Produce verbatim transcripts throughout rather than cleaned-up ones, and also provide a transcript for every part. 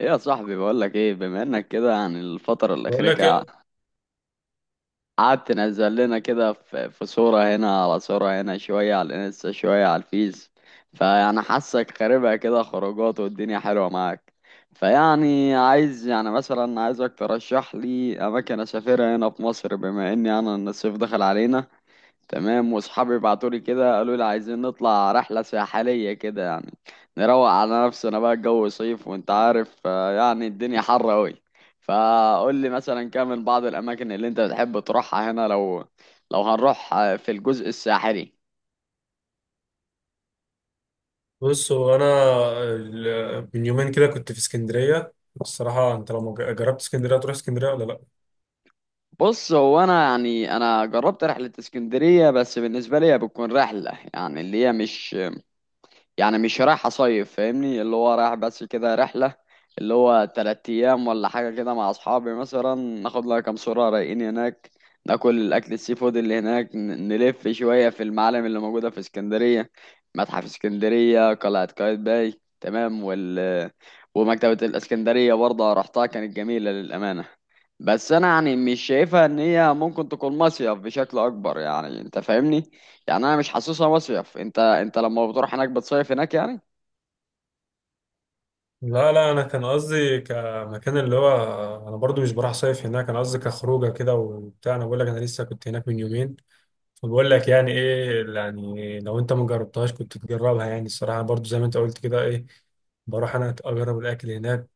ايه يا صاحبي، بقول لك ايه. بما انك كده يعني الفترة بقول الأخيرة لك كده إيه؟ قعدت تنزل لنا كده في في صورة هنا على صورة هنا، شوية على الانستا، شوية على الفيس. فيعني حاسك خاربها كده خروجات والدنيا حلوة معاك. فيعني عايز يعني مثلا عايزك ترشح لي أماكن أسافرها هنا في مصر، بما إني يعني أنا إن الصيف دخل علينا. تمام، واصحابي بعتوا لي كده قالوا لي عايزين نطلع رحله ساحليه كده يعني نروق على نفسنا بقى. الجو صيف وانت عارف آه، يعني الدنيا حر قوي. فقول لي مثلا كام من بعض الاماكن اللي انت بتحب تروحها هنا، لو لو هنروح آه، في الجزء الساحلي. بص، هو انا ال- من يومين كده كنت في اسكندريه. الصراحه انت لو مج- جربت اسكندريه تروح اسكندريه ولا لا؟ بص، هو انا يعني انا جربت رحله اسكندريه، بس بالنسبه لي بتكون رحله يعني اللي هي مش، يعني مش رايح اصيف فاهمني، اللي هو رايح بس كده رحلة اللي هو تلات ايام ولا حاجة كده مع اصحابي، مثلا ناخد لها كام صورة رايقين هناك، ناكل الاكل السي فود اللي هناك، ن- نلف شوية في المعالم اللي موجودة في اسكندرية، متحف اسكندرية، قلعة قايتباي، تمام، وال ومكتبة الاسكندرية برضه رحتها كانت جميلة للأمانة. بس انا يعني مش شايفها ان هي ممكن تكون مصيف بشكل اكبر، يعني انت فاهمني، يعني انا مش حاسسها مصيف. انت انت لما بتروح هناك بتصيف هناك يعني. لا لا، انا كان قصدي كمكان اللي هو، انا برضو مش بروح صيف هناك، انا قصدي كخروجه كده وبتاع. انا بقول لك انا لسه كنت هناك من يومين، فبقول لك يعني ايه، يعني لو انت ما جربتهاش كنت تجربها. يعني الصراحه برضو زي ما انت قلت كده، ايه، بروح انا اجرب الاكل هناك.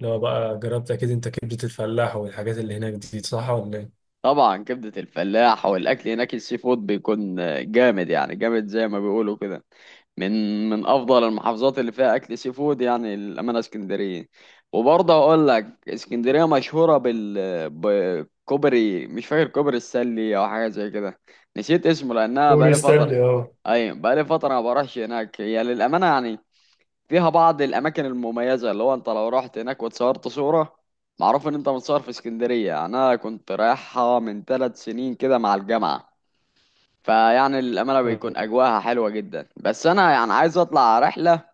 لو بقى جربت، اكيد انت كبده الفلاح والحاجات اللي هناك دي، صح ولا ايه؟ طبعا كبدة الفلاح والاكل هناك السي فود بيكون جامد، يعني جامد زي ما بيقولوا كده. من من افضل المحافظات اللي فيها اكل سي فود يعني الامانه اسكندريه. وبرضه اقول لك اسكندريه مشهوره بال بكوبري، مش فاكر كوبري السلي او حاجه زي كده، نسيت اسمه لانها دوري بقالي فتره. ستانلي. اي، بقالي فتره ما بروحش هناك. هي للامانه يعني فيها بعض الاماكن المميزه، اللي هو انت لو رحت هناك واتصورت صوره، معروف ان انت متصور في اسكندريه. يعني انا كنت رايحها من ثلاث سنين كده مع الجامعه، فيعني الامانه بيكون اه، اجواها حلوه جدا. بس انا يعني عايز اطلع رحله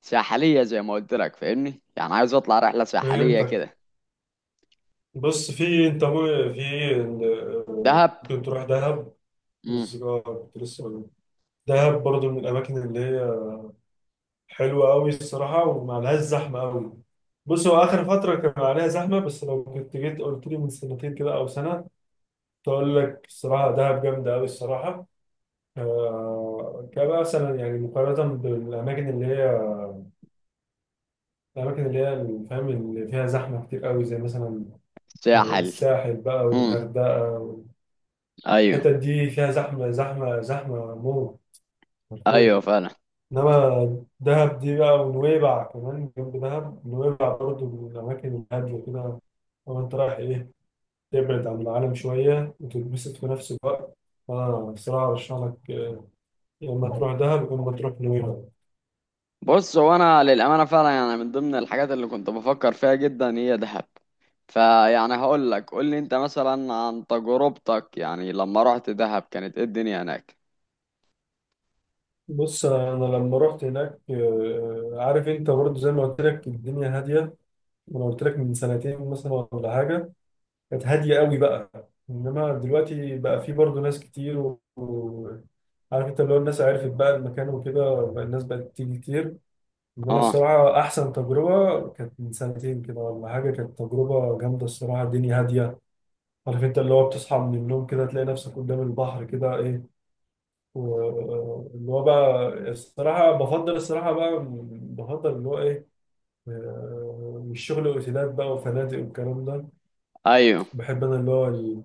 ساحليه زي ما قلت لك فاهمني، يعني عايز اطلع رحله ساحليه فهمتك. كده. بص، في انت مو- في ال- دهب. ممكن تروح دهب. امم. بس اه كنت لسه بقول، دهب برضو من الاماكن اللي هي حلوه قوي الصراحه وما عليهاش زحمه قوي. بص، هو اخر فتره كان عليها زحمه، بس لو كنت جيت قلت لي من سنتين كده او سنه، تقول لك الصراحه دهب جامده قوي الصراحه. آه، كبقى مثلا، يعني مقارنه بالاماكن اللي هي، الاماكن اللي هي اللي فاهم، اللي فيها زحمه كتير قوي، زي مثلا آه، ساحل. الساحل بقى امم. والغردقه. ايوه. الحتت دي فيها زحمة زحمة زحمة موت، ايوه حرفيا. فعلا. إنما دهب دي بقى، ونويبع كمان جنب دهب، نويبع برضه من الأماكن الهادية كده. لو أنت رايح إيه، تبعد عن العالم شوية وتتبسط في نفس الوقت، أنا الصراحة أرشح لك، آه، يا إما تروح دهب يا إما تروح نويبع. بص، هو انا للامانه فعلا يعني من ضمن الحاجات اللي كنت بفكر فيها جدا هي دهب. فيعني هقول لك، قول لي انت مثلا عن تجربتك، يعني لما رحت دهب كانت ايه الدنيا هناك. بص، أنا لما رحت هناك، آه، عارف أنت برضه زي ما قلت لك الدنيا هادية، وأنا قلت لك من سنتين مثلا ولا حاجة، كانت هادية قوي بقى. انما دلوقتي بقى في برضه ناس كتير و... و... عارف انت اللي هو الناس عرفت بقى المكان وكده، بقى الناس بقت تيجي كتير. انما اه. الصراحة احسن تجربة كانت من سنتين كده ولا حاجة، كانت تجربة جامدة الصراحة، الدنيا هادية. عارف انت اللي هو بتصحى من النوم كده تلاقي نفسك قدام البحر كده، ايه، واللي هو بقى الصراحة بفضل، الصراحة بقى بفضل اللي هو ايه، آه، مش شغل اوتيلات بقى وفنادق والكلام ده. ايوه. بحب انا اللي هو ال-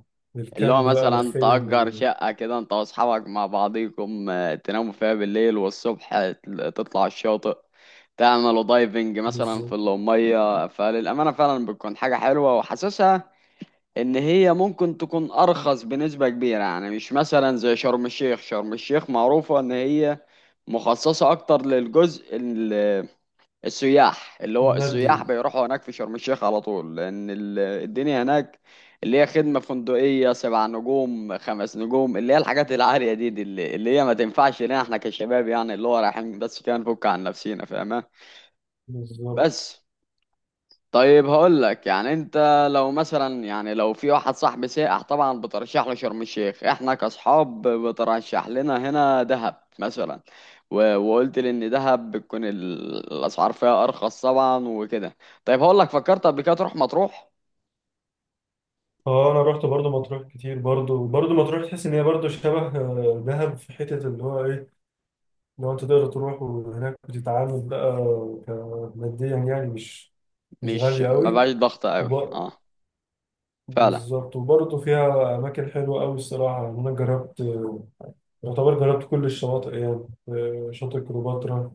اللي هو الكامب بقى مثلا والخيم تأجر وال- شقة كده انت واصحابك مع بعضيكم آه، تناموا فيها بالليل والصبح تل- تطلع الشاطئ، تعملوا دايفنج مثلا في بالظبط. المية، فللأمانة فعلا بتكون حاجة حلوة، وحاسسها إن هي ممكن تكون أرخص بنسبة كبيرة. يعني مش مثلا زي شرم الشيخ. شرم الشيخ معروفة إن هي مخصصة أكتر للجزء السياح، اللي هو السياح المادي، بيروحوا هناك في شرم الشيخ على طول، لأن ال- الدنيا هناك اللي هي خدمة فندقية سبع نجوم، خمس نجوم، اللي هي الحاجات العالية دي, دي اللي, اللي هي ما تنفعش لنا احنا كشباب، يعني اللي هو رايحين بس كده نفك عن نفسينا فاهمة. بالظبط. بس، طيب هقول لك يعني انت، لو مثلا يعني لو في واحد صاحبي سائح طبعا بترشح له شرم الشيخ، احنا كاصحاب بترشح لنا هنا دهب مثلا. و- وقلت لي ان دهب بتكون ال- الاسعار فيها ارخص طبعا وكده. طيب هقول لك، فكرت قبل كده تروح مطروح؟ اه، انا رحت برضو مطروح كتير. برضو برضو مطروح تحس ان هي برضو شبه آه، دهب في حتة اللي هو ايه، لو انت تقدر تروح. وهناك بتتعامل بقى ك- ماديا، يعني مش، مش مش غالية ما قوي. بقاش ضغط قوي، وب... اه. فعلا. بالظبط. وبرضو فيها اماكن حلوة قوي الصراحة. يعني انا جربت، آه، يعتبر جربت كل الشواطئ، يعني آه، شاطئ كليوباترا،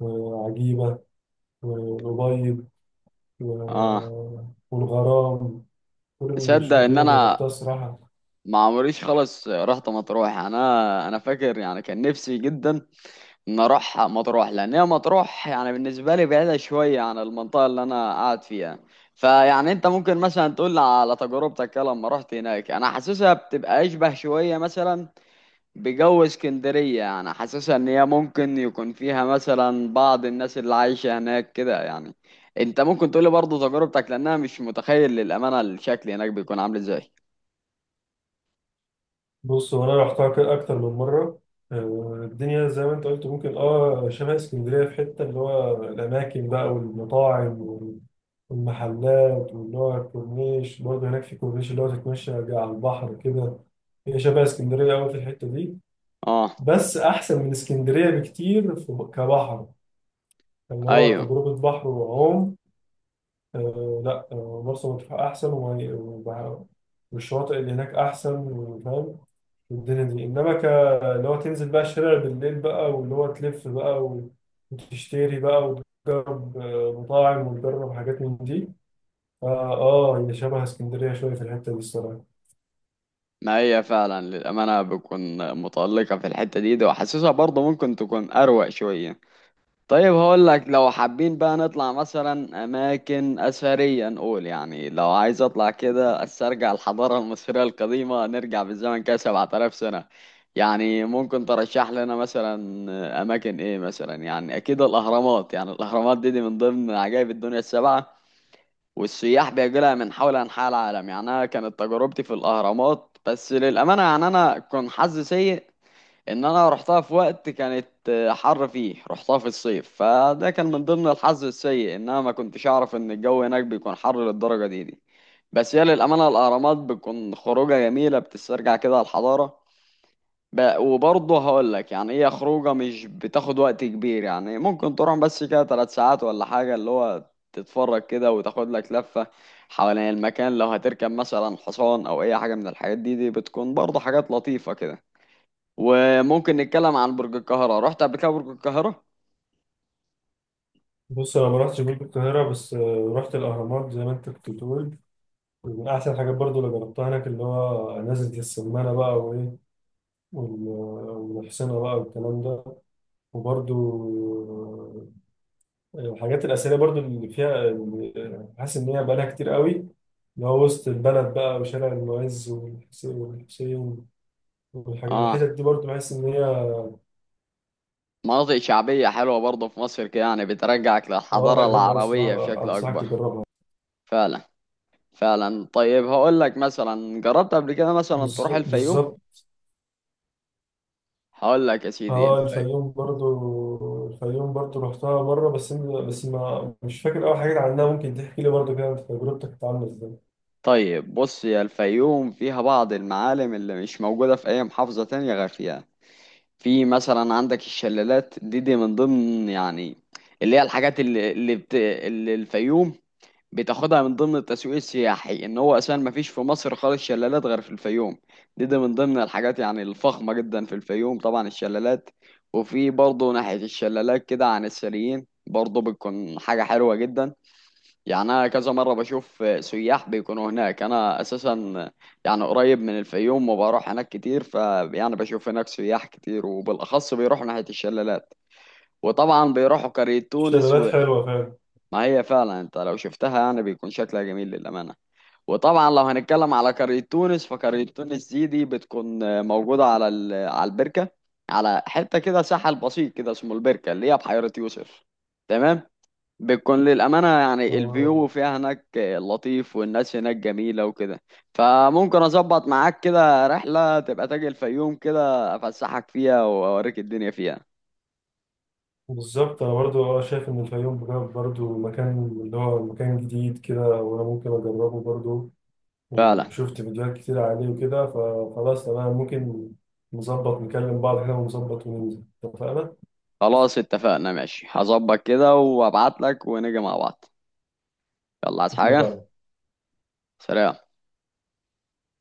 وعجيبة، والأبيض، اه، و- والغرام، كل تصدق الشواطئ ان اللي انا انا جربتها الصراحه. ما عمريش خالص رحت مطروح. انا انا فاكر يعني كان نفسي جدا نروح مطروح، لان هي مطروح يعني بالنسبه لي بعيده شويه عن المنطقه اللي انا قاعد فيها. فيعني انت ممكن مثلا تقول لي على تجربتك كده لما رحت هناك. انا حاسسها بتبقى اشبه شويه مثلا بجو اسكندريه، يعني حاسسها ان هي ممكن يكون فيها مثلا بعض الناس اللي عايشه هناك كده يعني. انت ممكن تقول لي برضه تجربتك، لانها مش متخيل للامانه الشكل هناك بيكون عامل ازاي. بص، وانا رحتها كده اكتر من مره، آه، الدنيا زي ما انت قلت ممكن اه شبه اسكندريه في حته، اللي هو الاماكن بقى والمطاعم وال- والمحلات، واللي هو الكورنيش برضه هناك في كورنيش، اللي هو تتمشى على البحر كده. هي شبه اسكندريه قوي في الحته دي، اه. بس احسن من اسكندريه بكتير في كبحر، اللي هو ايوه. تجربه بحر وعوم. آه لا، آه، مرسى مطروح أحسن. وما- وبع- والشواطئ اللي هناك أحسن، وفاهم الدنيا دي. إنما ك، اللي هو تنزل بقى الشارع بالليل بقى، واللي هو تلف بقى و- وتشتري بقى وتجرب، آه، مطاعم وتجرب حاجات من دي. آه, آه، هي شبه اسكندرية شوية في الحتة دي الصراحة. ما هي فعلا للأمانة بتكون متألقة في الحتة دي، ده وحاسسها برضه ممكن تكون أروق شوية. طيب هقول لك، لو حابين بقى نطلع مثلا أماكن أثرية، نقول يعني لو عايز أطلع كده أسترجع الحضارة المصرية القديمة، نرجع بالزمن كده سبعة آلاف سنة، يعني ممكن ترشح لنا مثلا أماكن إيه مثلا؟ يعني أكيد الأهرامات. يعني الأهرامات دي, دي من ضمن عجائب الدنيا السبعة، والسياح بيجيلها من حول أنحاء العالم. يعني أنا كانت تجربتي في الأهرامات بس، للأمانة يعني أنا كان حظي سيء إن أنا رحتها في وقت كانت حر فيه، رحتها في الصيف، فده كان من ضمن الحظ السيء إن أنا ما كنتش أعرف إن الجو هناك بيكون حر للدرجة دي دي بس هي للأمانة الأهرامات بتكون خروجة جميلة، بتسترجع كده الحضارة. ب... وبرضه هقول لك يعني هي خروجه مش بتاخد وقت كبير، يعني ممكن تروح بس كده ثلاث ساعات ولا حاجه، اللي هو تتفرج كده وتاخد لك لفه حوالين المكان. لو هتركب مثلا حصان او اي حاجه من الحاجات دي دي بتكون برضه حاجات لطيفه كده. وممكن نتكلم عن برج القاهره، رحت قبل كده برج القاهره؟ بص، أنا ما رحتش برج القاهرة، بس آه رحت الأهرامات زي ما أنت كنت بتقول، ومن أحسن الحاجات برضو اللي جربتها هناك اللي هو نزلة السمانة بقى، وإيه، وال- والحصينة بقى والكلام ده. وبرضو آه، الحاجات الأثرية برضو اللي فيها، اللي حاسس إن هي بقالها كتير قوي، اللي هو وسط البلد بقى وشارع المعز والحسين والحسين والحاجات، الحتت اه. دي برضو بحس إن هي، مناطق شعبيه حلوه برضه في مصر كده، يعني بترجعك اه للحضاره لا، جامدة أوي العربيه الصراحة، بشكل أنصحك اكبر. تجربها. فعلا. فعلا. طيب هقول لك، مثلا جربت قبل كده مثلا تروح بالز- الفيوم؟ بالظبط. هقول لك يا سيدي اه، الفيوم. الفيوم برضو، الفيوم برضو رحتها مرة، بس إن- بس ما مش فاكر أوي حاجات عنها. ممكن تحكي لي برضو كده تجربتك كانت عاملة إزاي؟ طيب بص يا الفيوم فيها بعض المعالم اللي مش موجودة في أي محافظة تانية غير فيها. في مثلا عندك الشلالات، دي دي من ضمن يعني اللي هي الحاجات اللي اللي, بت... اللي الفيوم بتاخدها من ضمن التسويق السياحي، ان هو اساسا ما فيش في مصر خالص شلالات غير في الفيوم. دي دي من ضمن الحاجات يعني الفخمة جدا في الفيوم طبعا الشلالات. وفي برضه ناحية الشلالات كده عن السليين برضه بتكون حاجة حلوة جدا. يعني أنا كذا مرة بشوف سياح بيكونوا هناك. أنا أساسا يعني قريب من الفيوم وبروح هناك كتير، فيعني بشوف هناك سياح كتير وبالأخص بيروحوا ناحية الشلالات، وطبعا بيروحوا قرية تونس و... الشلالات حلوة فعلا. ما هي فعلا أنت لو شفتها يعني بيكون شكلها جميل للأمانة. وطبعا لو هنتكلم على قرية تونس، فقرية تونس دي دي بتكون موجودة على ال... على البركة، على حتة كده ساحل بسيط كده اسمه البركة اللي هي بحيرة يوسف. تمام. بتكون للأمانة آه، يعني آه. الفيو فيها هناك لطيف والناس هناك جميلة وكده. فممكن أظبط معاك كده رحلة، تبقى تاجي الفيوم كده أفسحك فيها وأوريك الدنيا فيها. بالظبط، انا برضو اه شايف ان الفيوم بجد برضو مكان، اللي هو مكان جديد كده وانا ممكن اجربه برضو، فعلا. وشفت فيديوهات كتير عليه وكده، فخلاص تمام، ممكن نظبط نكلم بعض كده ونظبط وننزل، اتفقنا؟ خلاص اتفقنا، ماشي، هظبط كده وأبعت لك ونيجي مع بعض. يلا، عايز حاجة؟ اتفقنا. سلام.